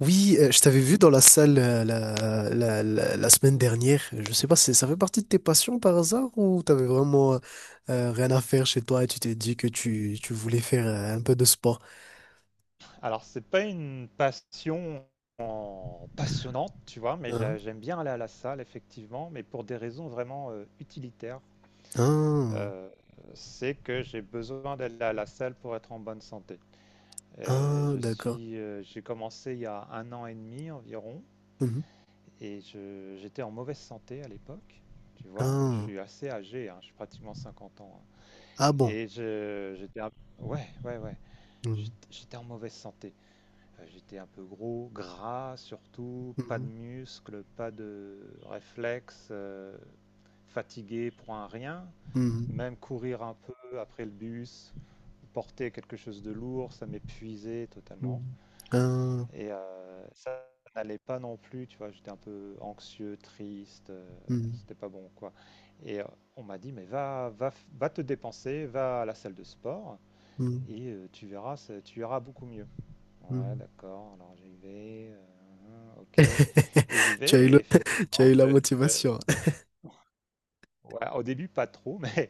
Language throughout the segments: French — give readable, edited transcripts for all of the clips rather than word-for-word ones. Oui, je t'avais vu dans la salle, la semaine dernière. Je sais pas, si ça fait partie de tes passions par hasard ou t'avais vraiment rien à faire chez toi et tu t'es dit que tu voulais faire un peu de sport? Alors, c'est pas une passion passionnante, tu vois, mais Hein. j'aime bien aller à la salle, effectivement, mais pour des raisons vraiment utilitaires. Ah, Euh, c'est que j'ai besoin d'aller à la salle pour être en bonne santé. Et ah, d'accord. J'ai commencé il y a un an et demi environ, Mhm. et j'étais en mauvaise santé à l'époque. Tu vois, je Ah, suis assez âgé, hein, je suis pratiquement 50 ans, hein. ah bon. Et ouais, ouais, ouais. Mhm. J'étais en mauvaise santé. Enfin, j'étais un peu gros, gras surtout, pas de Mhm. muscles, pas de réflexes, fatigué pour un rien. Mhm. Même courir un peu après le bus, porter quelque chose de lourd, ça m'épuisait totalement. Mhm. Ah, Et ça n'allait pas non plus, tu vois, j'étais un peu anxieux, triste, mhm. c'était pas bon quoi. Et on m'a dit, mais va, va, va te dépenser, va à la salle de sport Mhm. et tu verras, tu iras beaucoup mieux. Ouais, Mhm. d'accord. Alors j'y vais, ok. Et j'y Tu as eu vais. Et le- Tu as effectivement, eu la motivation. ouais, au début, pas trop, mais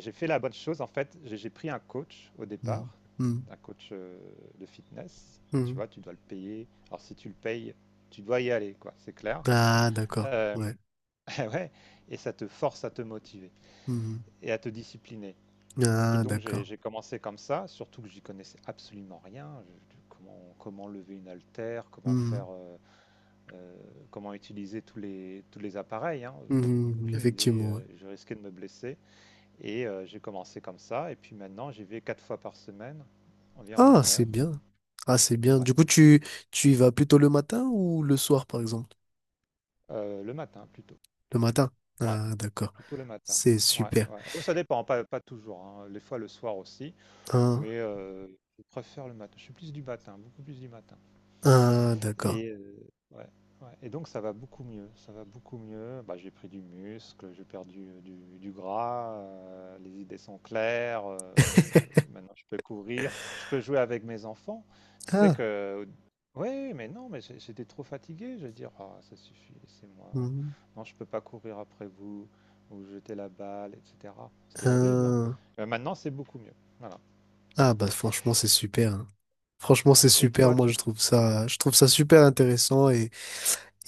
j'ai fait la bonne chose. En fait, j'ai pris un coach au départ, Mhm. Mhm. un coach de fitness. Tu Mhm. vois, tu dois le payer. Alors si tu le payes, tu dois y aller, quoi. C'est clair. Ah, d'accord. Euh, Ouais. ouais. Et ça te force à te motiver Mhm. et à te discipliner. Et Ah, donc j'ai d'accord. j'ai commencé comme ça, surtout que j'y connaissais absolument rien. Comment lever une haltère, comment Mhm. faire. Euh, comment utiliser tous les appareils, hein, pff, Mhm, aucune idée, effectivement. Ouais. Je risquais de me blesser. Et j'ai commencé comme ça, et puis maintenant j'y vais 4 fois par semaine, environ Ah, une c'est heure. bien. Ah, c'est bien. Ouais. Du coup, tu y vas plutôt le matin ou le soir, par exemple? Le matin plutôt. Le matin. Ouais, Ah, d'accord. plutôt le matin. C'est Ouais, super. ouais. Oh, ça dépend, pas, pas toujours, hein. Des fois le soir aussi, Ah, mais je préfère le matin. Je suis plus du matin, beaucoup plus du matin. ah, d'accord. Et, ouais, ouais, et donc ça va beaucoup mieux, ça va beaucoup mieux. Bah, j'ai pris du muscle, j'ai perdu, du gras, les idées sont claires, maintenant je peux courir, je peux jouer avec mes enfants. Tu sais Ah, que oui mais non, mais j'étais trop fatigué, je veux dire: «Ah ça suffit, c'est moi mhm. non je peux pas courir après vous, ou jeter la balle» et cetera. C'était horrible, hein. Ah, Maintenant c'est beaucoup mieux, voilà. ah, bah franchement, c'est super, hein. Franchement, Ouais, c'est et super. toi Moi, tu je trouve ça super ouais, intéressant et,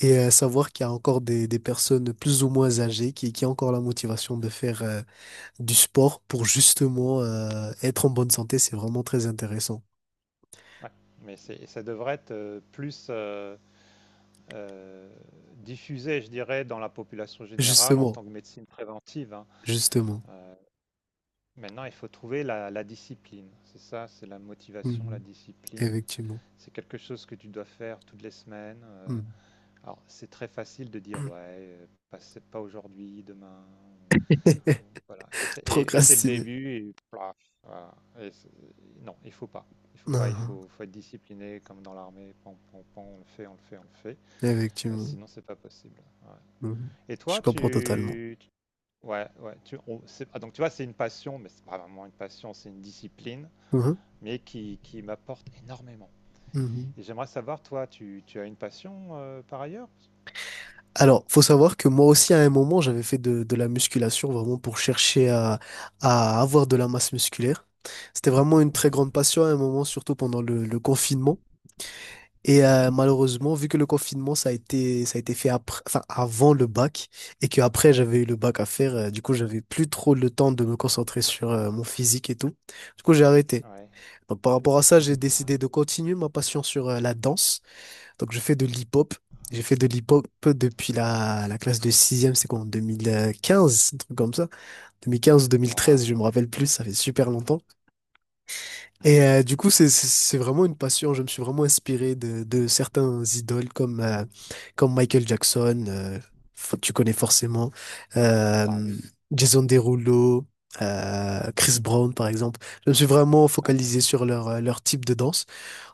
et euh, savoir qu'il y a encore des personnes plus ou moins âgées qui ont encore la motivation de faire, du sport pour justement être en bonne santé, c'est vraiment très intéressant. ouais, mais c'est ça devrait être, plus, euh, diffusée, je dirais, dans la population générale en Justement, tant que médecine préventive, hein. justement. Euh, maintenant, il faut trouver la discipline. C'est ça, c'est la motivation, la Mhm. discipline. Effectivement. C'est quelque chose que tu dois faire toutes les semaines. Mhm. Alors, c'est très facile de dire, ouais, pas, c'est pas aujourd'hui, demain. Voilà. Et c'est le Procrastiner. début. Et, plaf, voilà. Et non, il faut pas. Il faut pas. Il Mhm. faut, faut être discipliné, comme dans l'armée. Pan, pan, pan, on le fait, on le fait, on le fait. Effectivement. Sinon, c'est pas possible. Ouais. Mhm. Et Je toi, comprends totalement. Ouais, ouais, ah, donc tu vois, c'est une passion, mais c'est pas vraiment une passion, c'est une discipline, Mhm. mais qui m'apporte énormément. Mhm. Et j'aimerais savoir, toi, tu as une passion par ailleurs? Alors, faut savoir que moi aussi, à un moment, j'avais fait de la musculation vraiment pour chercher à avoir de la masse musculaire. C'était vraiment une très Ouais, grande passion à un moment, surtout pendant le confinement. Et malheureusement, vu que le confinement, ça a été fait après, enfin, avant le bac, et que après j'avais eu le bac à faire, du coup, j'avais plus trop le temps de me concentrer sur mon physique et tout. Du coup, j'ai arrêté. ouais. Donc, par rapport à ça, j'ai Ah, décidé de continuer ma passion sur la danse. Donc, je fais de l'hip-hop. J'ai fait de l'hip-hop depuis la classe de sixième, c'est quoi, en 2015, un truc comme ça. 2015 ou 2013, je waouh. me rappelle plus, ça fait super longtemps. Et du coup, c'est vraiment une passion. Je me suis vraiment inspiré de certains idoles comme Michael Jackson, tu connais Hein. forcément, Bah euh, oui. Jason Derulo, Chris Brown, par exemple. Je me suis vraiment Ouais, hein, focalisé sur leur type de danse.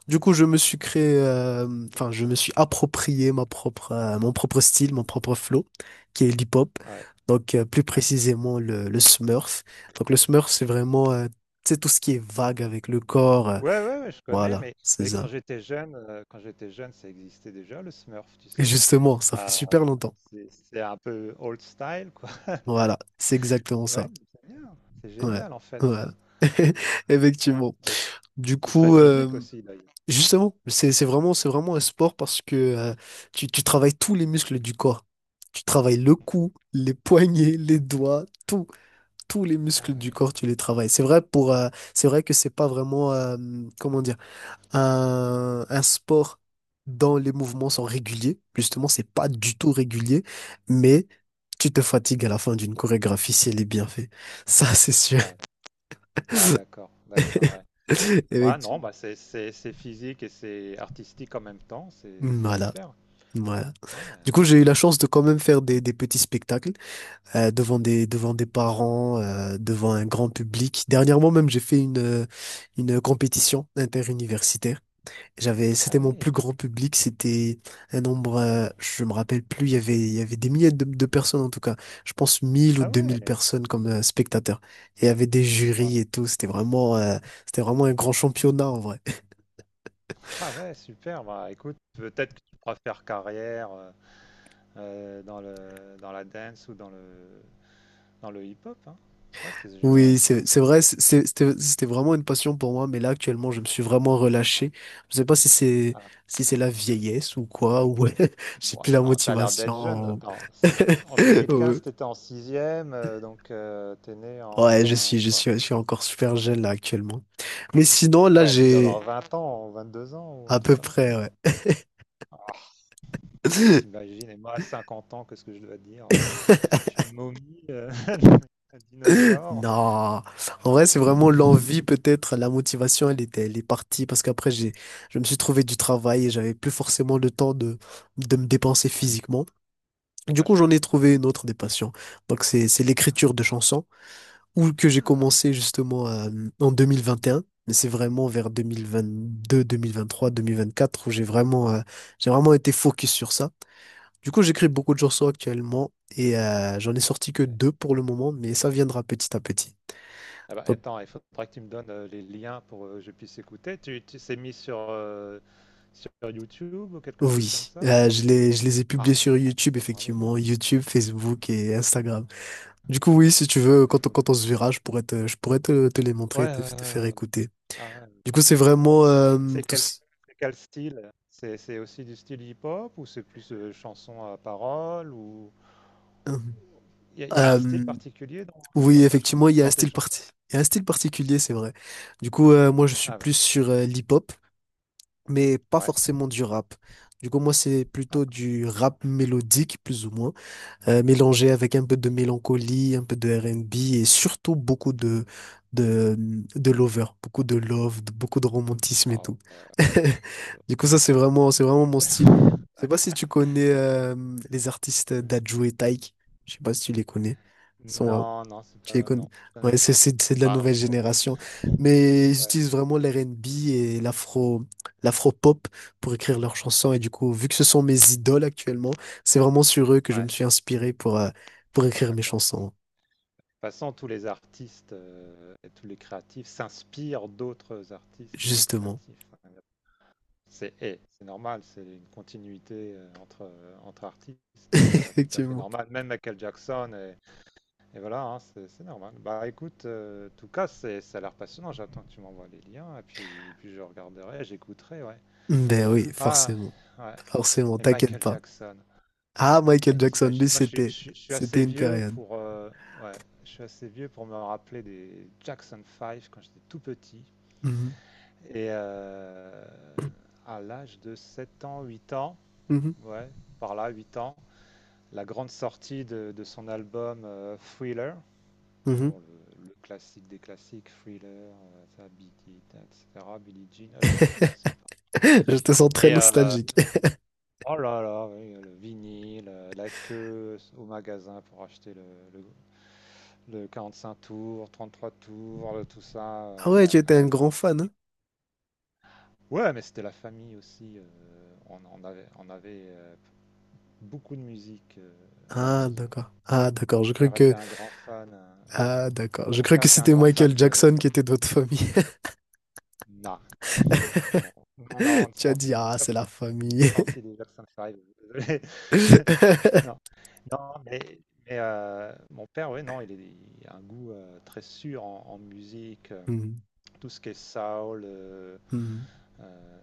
Du coup, je me suis créé, enfin, je me suis approprié mon propre style, mon propre flow, qui est l'hip-hop. ouais, Donc, plus ouais. précisément, le Smurf. Donc, le Smurf, c'est vraiment, c'est tout ce qui est vague avec le corps. Ouais, ouais, ouais, je connais, Voilà, mais, c'est ça. Quand j'étais jeune, ça existait déjà, le Smurf, tu Et sais. justement, ça fait Ah, super longtemps. c'est un peu old style, quoi. Voilà, c'est exactement Ouais, ça. mais c'est bien. C'est Ouais, génial, en fait, voilà. ça. Effectivement. Et Du c'est très coup, physique aussi, d'ailleurs. justement, c'est vraiment, c'est vraiment un sport parce que tu travailles tous les muscles du corps. Tu travailles le cou, les poignets, les doigts, tout. Tous les muscles Ah du ouais. corps, tu les travailles. C'est vrai que c'est pas vraiment, comment dire, un sport dont les mouvements sont réguliers. Justement, c'est pas du tout régulier, mais tu te fatigues à la fin d'une chorégraphie si elle est bien faite. Ça, c'est sûr. Ah, ah, d'accord, d'accord, ouais. Ouais, non, Effectivement. bah c'est physique et c'est artistique en même temps, c'est Voilà. super. Ouais. Ouais. Du coup, j'ai eu la chance de quand même faire des petits spectacles devant des parents, devant un grand public. Dernièrement même, j'ai fait une compétition interuniversitaire. J'avais Ah C'était mon plus oui, grand public, c'était un nombre, je me rappelle plus, il y avait des milliers de personnes en tout cas. Je pense 1 000 ou ah 2 000 ouais, personnes comme spectateurs. Et il y avait des jurys ouais. et tout, c'était vraiment un grand Mhm. championnat en vrai. Ah ouais, super. Bah écoute, peut-être que tu pourras faire carrière dans le dans la dance ou dans le hip-hop, hein. Ouais, c'est génial Oui, ça. c'est vrai, c'était Bon, vraiment une passion pour moi, mais là actuellement, je me suis vraiment relâché. Je sais pas si c'est ah, si c'est la vieillesse ou quoi, ou j'ai ouais, plus la non, t'as l'air d'être jeune. motivation. Attends, si en Ouais, 2015 t'étais en sixième, donc t'es né ouais, je suis en je quoi? suis je suis encore super jeune là actuellement. Mais sinon, là Ouais, tu dois avoir j'ai 20 ans, ou 2 ans ou un à truc peu comme près ça. ouais. Ah, t'imagines, et moi à 50 ans, qu'est-ce que je dois dire? Je suis une momie, un dinosaure. Non, en vrai, c'est vraiment l'envie peut-être, la motivation, elle est partie parce qu'après j'ai je me suis trouvé du travail et j'avais plus forcément le temps de me dépenser Ouais, physiquement. Du ouais, coup, je j'en ai comprends. trouvé une autre des passions. Donc, c'est Ah, l'écriture de chansons, ou que j'ai ah, commencé justement en 2021, mais c'est vraiment vers 2022, 2023, 2024 où j'ai vraiment été focus sur ça. Du coup, j'écris beaucoup de d'accord. chansons actuellement et j'en ai sorti que Ouais. deux pour le moment, mais ça viendra petit à petit. Ah bah, Donc, attends, il faudra que tu me donnes les liens pour que je puisse écouter. Tu c'est mis sur YouTube ou quelque chose comme oui, ça je ou... les, je les ai Ah, publiés sur bah, tu me YouTube, donneras les liens. effectivement, YouTube, Facebook et Instagram. Du coup, oui, si tu Ah, veux, bah, il faudra. quand on se verra, je pourrais te les montrer et Ouais, te ouais, ouais, te faire ouais. écouter. Ah ouais, Du coup, c'est absolument. vraiment C'est quel, tous. c'est quel style? C'est aussi du style hip-hop ou c'est plus chanson à parole ou euh, il y a un style euh, particulier dans, oui, ta effectivement, chanson, dans tes chansons? Il y a un style particulier, c'est vrai. Du coup, moi, je suis Ah ouais, plus sur l'hip-hop, mais pas ouais. forcément du rap. Du coup, moi, c'est Ah, plutôt du rap mélodique, plus ou moins. Mélangé avec un peu de mélancolie, un peu de R&B et surtout beaucoup de, de lover, beaucoup de love, beaucoup de romantisme et Ah, tout. euh, le- Du coup, ça, c'est vraiment mon style. Je sais pas si tu connais les artistes euh, Dadju et Taïk. Je sais pas si tu les connais. non, non, c'est Je les pas, connais. non, je connais Ouais, c'est pas. c'est- c'est de la Bah non, je nouvelle suis trop vieux. génération. Mais ils Ouais, utilisent vraiment l'R&B et l'afro-pop pour écrire leurs chansons. Et du coup, vu que ce sont mes idoles actuellement, c'est vraiment sur eux que je me ouais, suis inspiré pour écrire mes d'accord. chansons, De toute façon, tous les artistes et tous les créatifs s'inspirent d'autres artistes et d'autres justement. créatifs. C'est normal, c'est une continuité entre artistes, c'est no- tout à fait Effectivement. normal. Même Michael Jackson, et voilà, hein, c'est normal. Bah écoute, en tout cas, ça a l'air passionnant. J'attends que tu m'envoies les liens, et puis je regarderai, j'écouterai, ouais. Ben oui, Ah, forcément. ouais. Forcément, Et t'inquiète Michael pas. Jackson. Ah, Michael Et Jackson, lui, t'imagines, moi c'était, je suis assez c'était une vieux période. pour, ouais, je suis assez vieux pour me rappeler des Jackson 5 quand j'étais tout petit. Mhm. Et à l'âge de 7 ans, 8 ans, Mhm. ouais, par là, 8 ans. La grande sortie de son album Thriller. Mhm. Bon, le classique des classiques, Thriller, ça, Beat It, etc. Billie Jean. Ah, je sais pas si c'est pas. Je te sens très Et nostalgique. oh là là, oui, le vinyle, la queue au magasin pour acheter le, le- 5 tours, 33 tours, tout ça, Ah ouais, ouais, tu étais un ouais. grand fan, hein? Ouais, mais c'était la famille aussi. On avait, beaucoup de musique à la Ah, maison. d'accord. Mon Ah, d'accord. Je crois père était que. un grand fan, hein, ouais. Ah, d'accord. Je Mon crois père que était un c'était grand fan Michael de. Jackson qui était de votre famille. Non, non, non, non, Tu on as on dit, fait ah, pas c'est la famille. partie des Jackson 5, désolé. Non, non, mon père, oui, non, il a un goût très sûr en, musique. Mhm, Tout ce qui est soul, mhm, euh,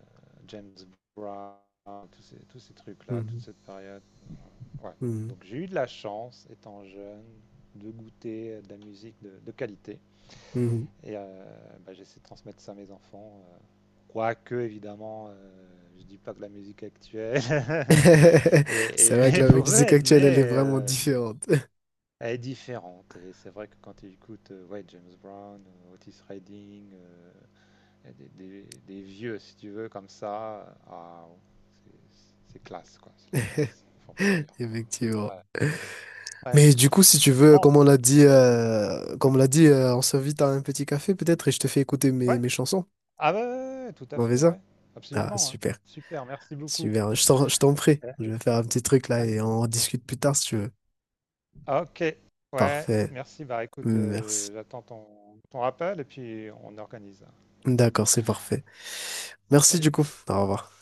James Brown, tous ces trucs-là, toute mhm, cette période. Ouais. mhm, Donc j'ai eu de la chance, étant jeune, de goûter à de la musique de qualité. mhm. Et bah, j'essaie de transmettre ça à mes enfants. Quoique, évidemment, je dis pas que la musique actuelle C'est vrai que la est musique mauvaise, mais actuelle, elle est vraiment différente. elle est différente. Et c'est vrai que quand tu écoutes ouais, James Brown, Otis Redding, et des, vieux, si tu veux, comme ça, ah, c'est c'est classe, quoi. C'est la classe, faut dire, Effectivement. quoi. Ouais. Ouais. Mais du coup, si tu veux, Bon, comme on l'a dit, ouais. On s'invite à un petit café peut-être et je te fais écouter mes, Ouais. mes chansons. Ah ouais, ouais, ouais, tout à On fait fait, ça? ouais. Ah, Absolument, hein. super. Super, merci beaucoup. Super. Je t'en prie. Ouais. Je vais faire un petit truc là et Allez. on en discute plus tard si tu veux. Ok, ouais, Parfait. merci. Bah écoute, Merci. J'attends ton rappel et puis on organise. D'accord, c'est parfait. Merci du Salut. coup. Au revoir.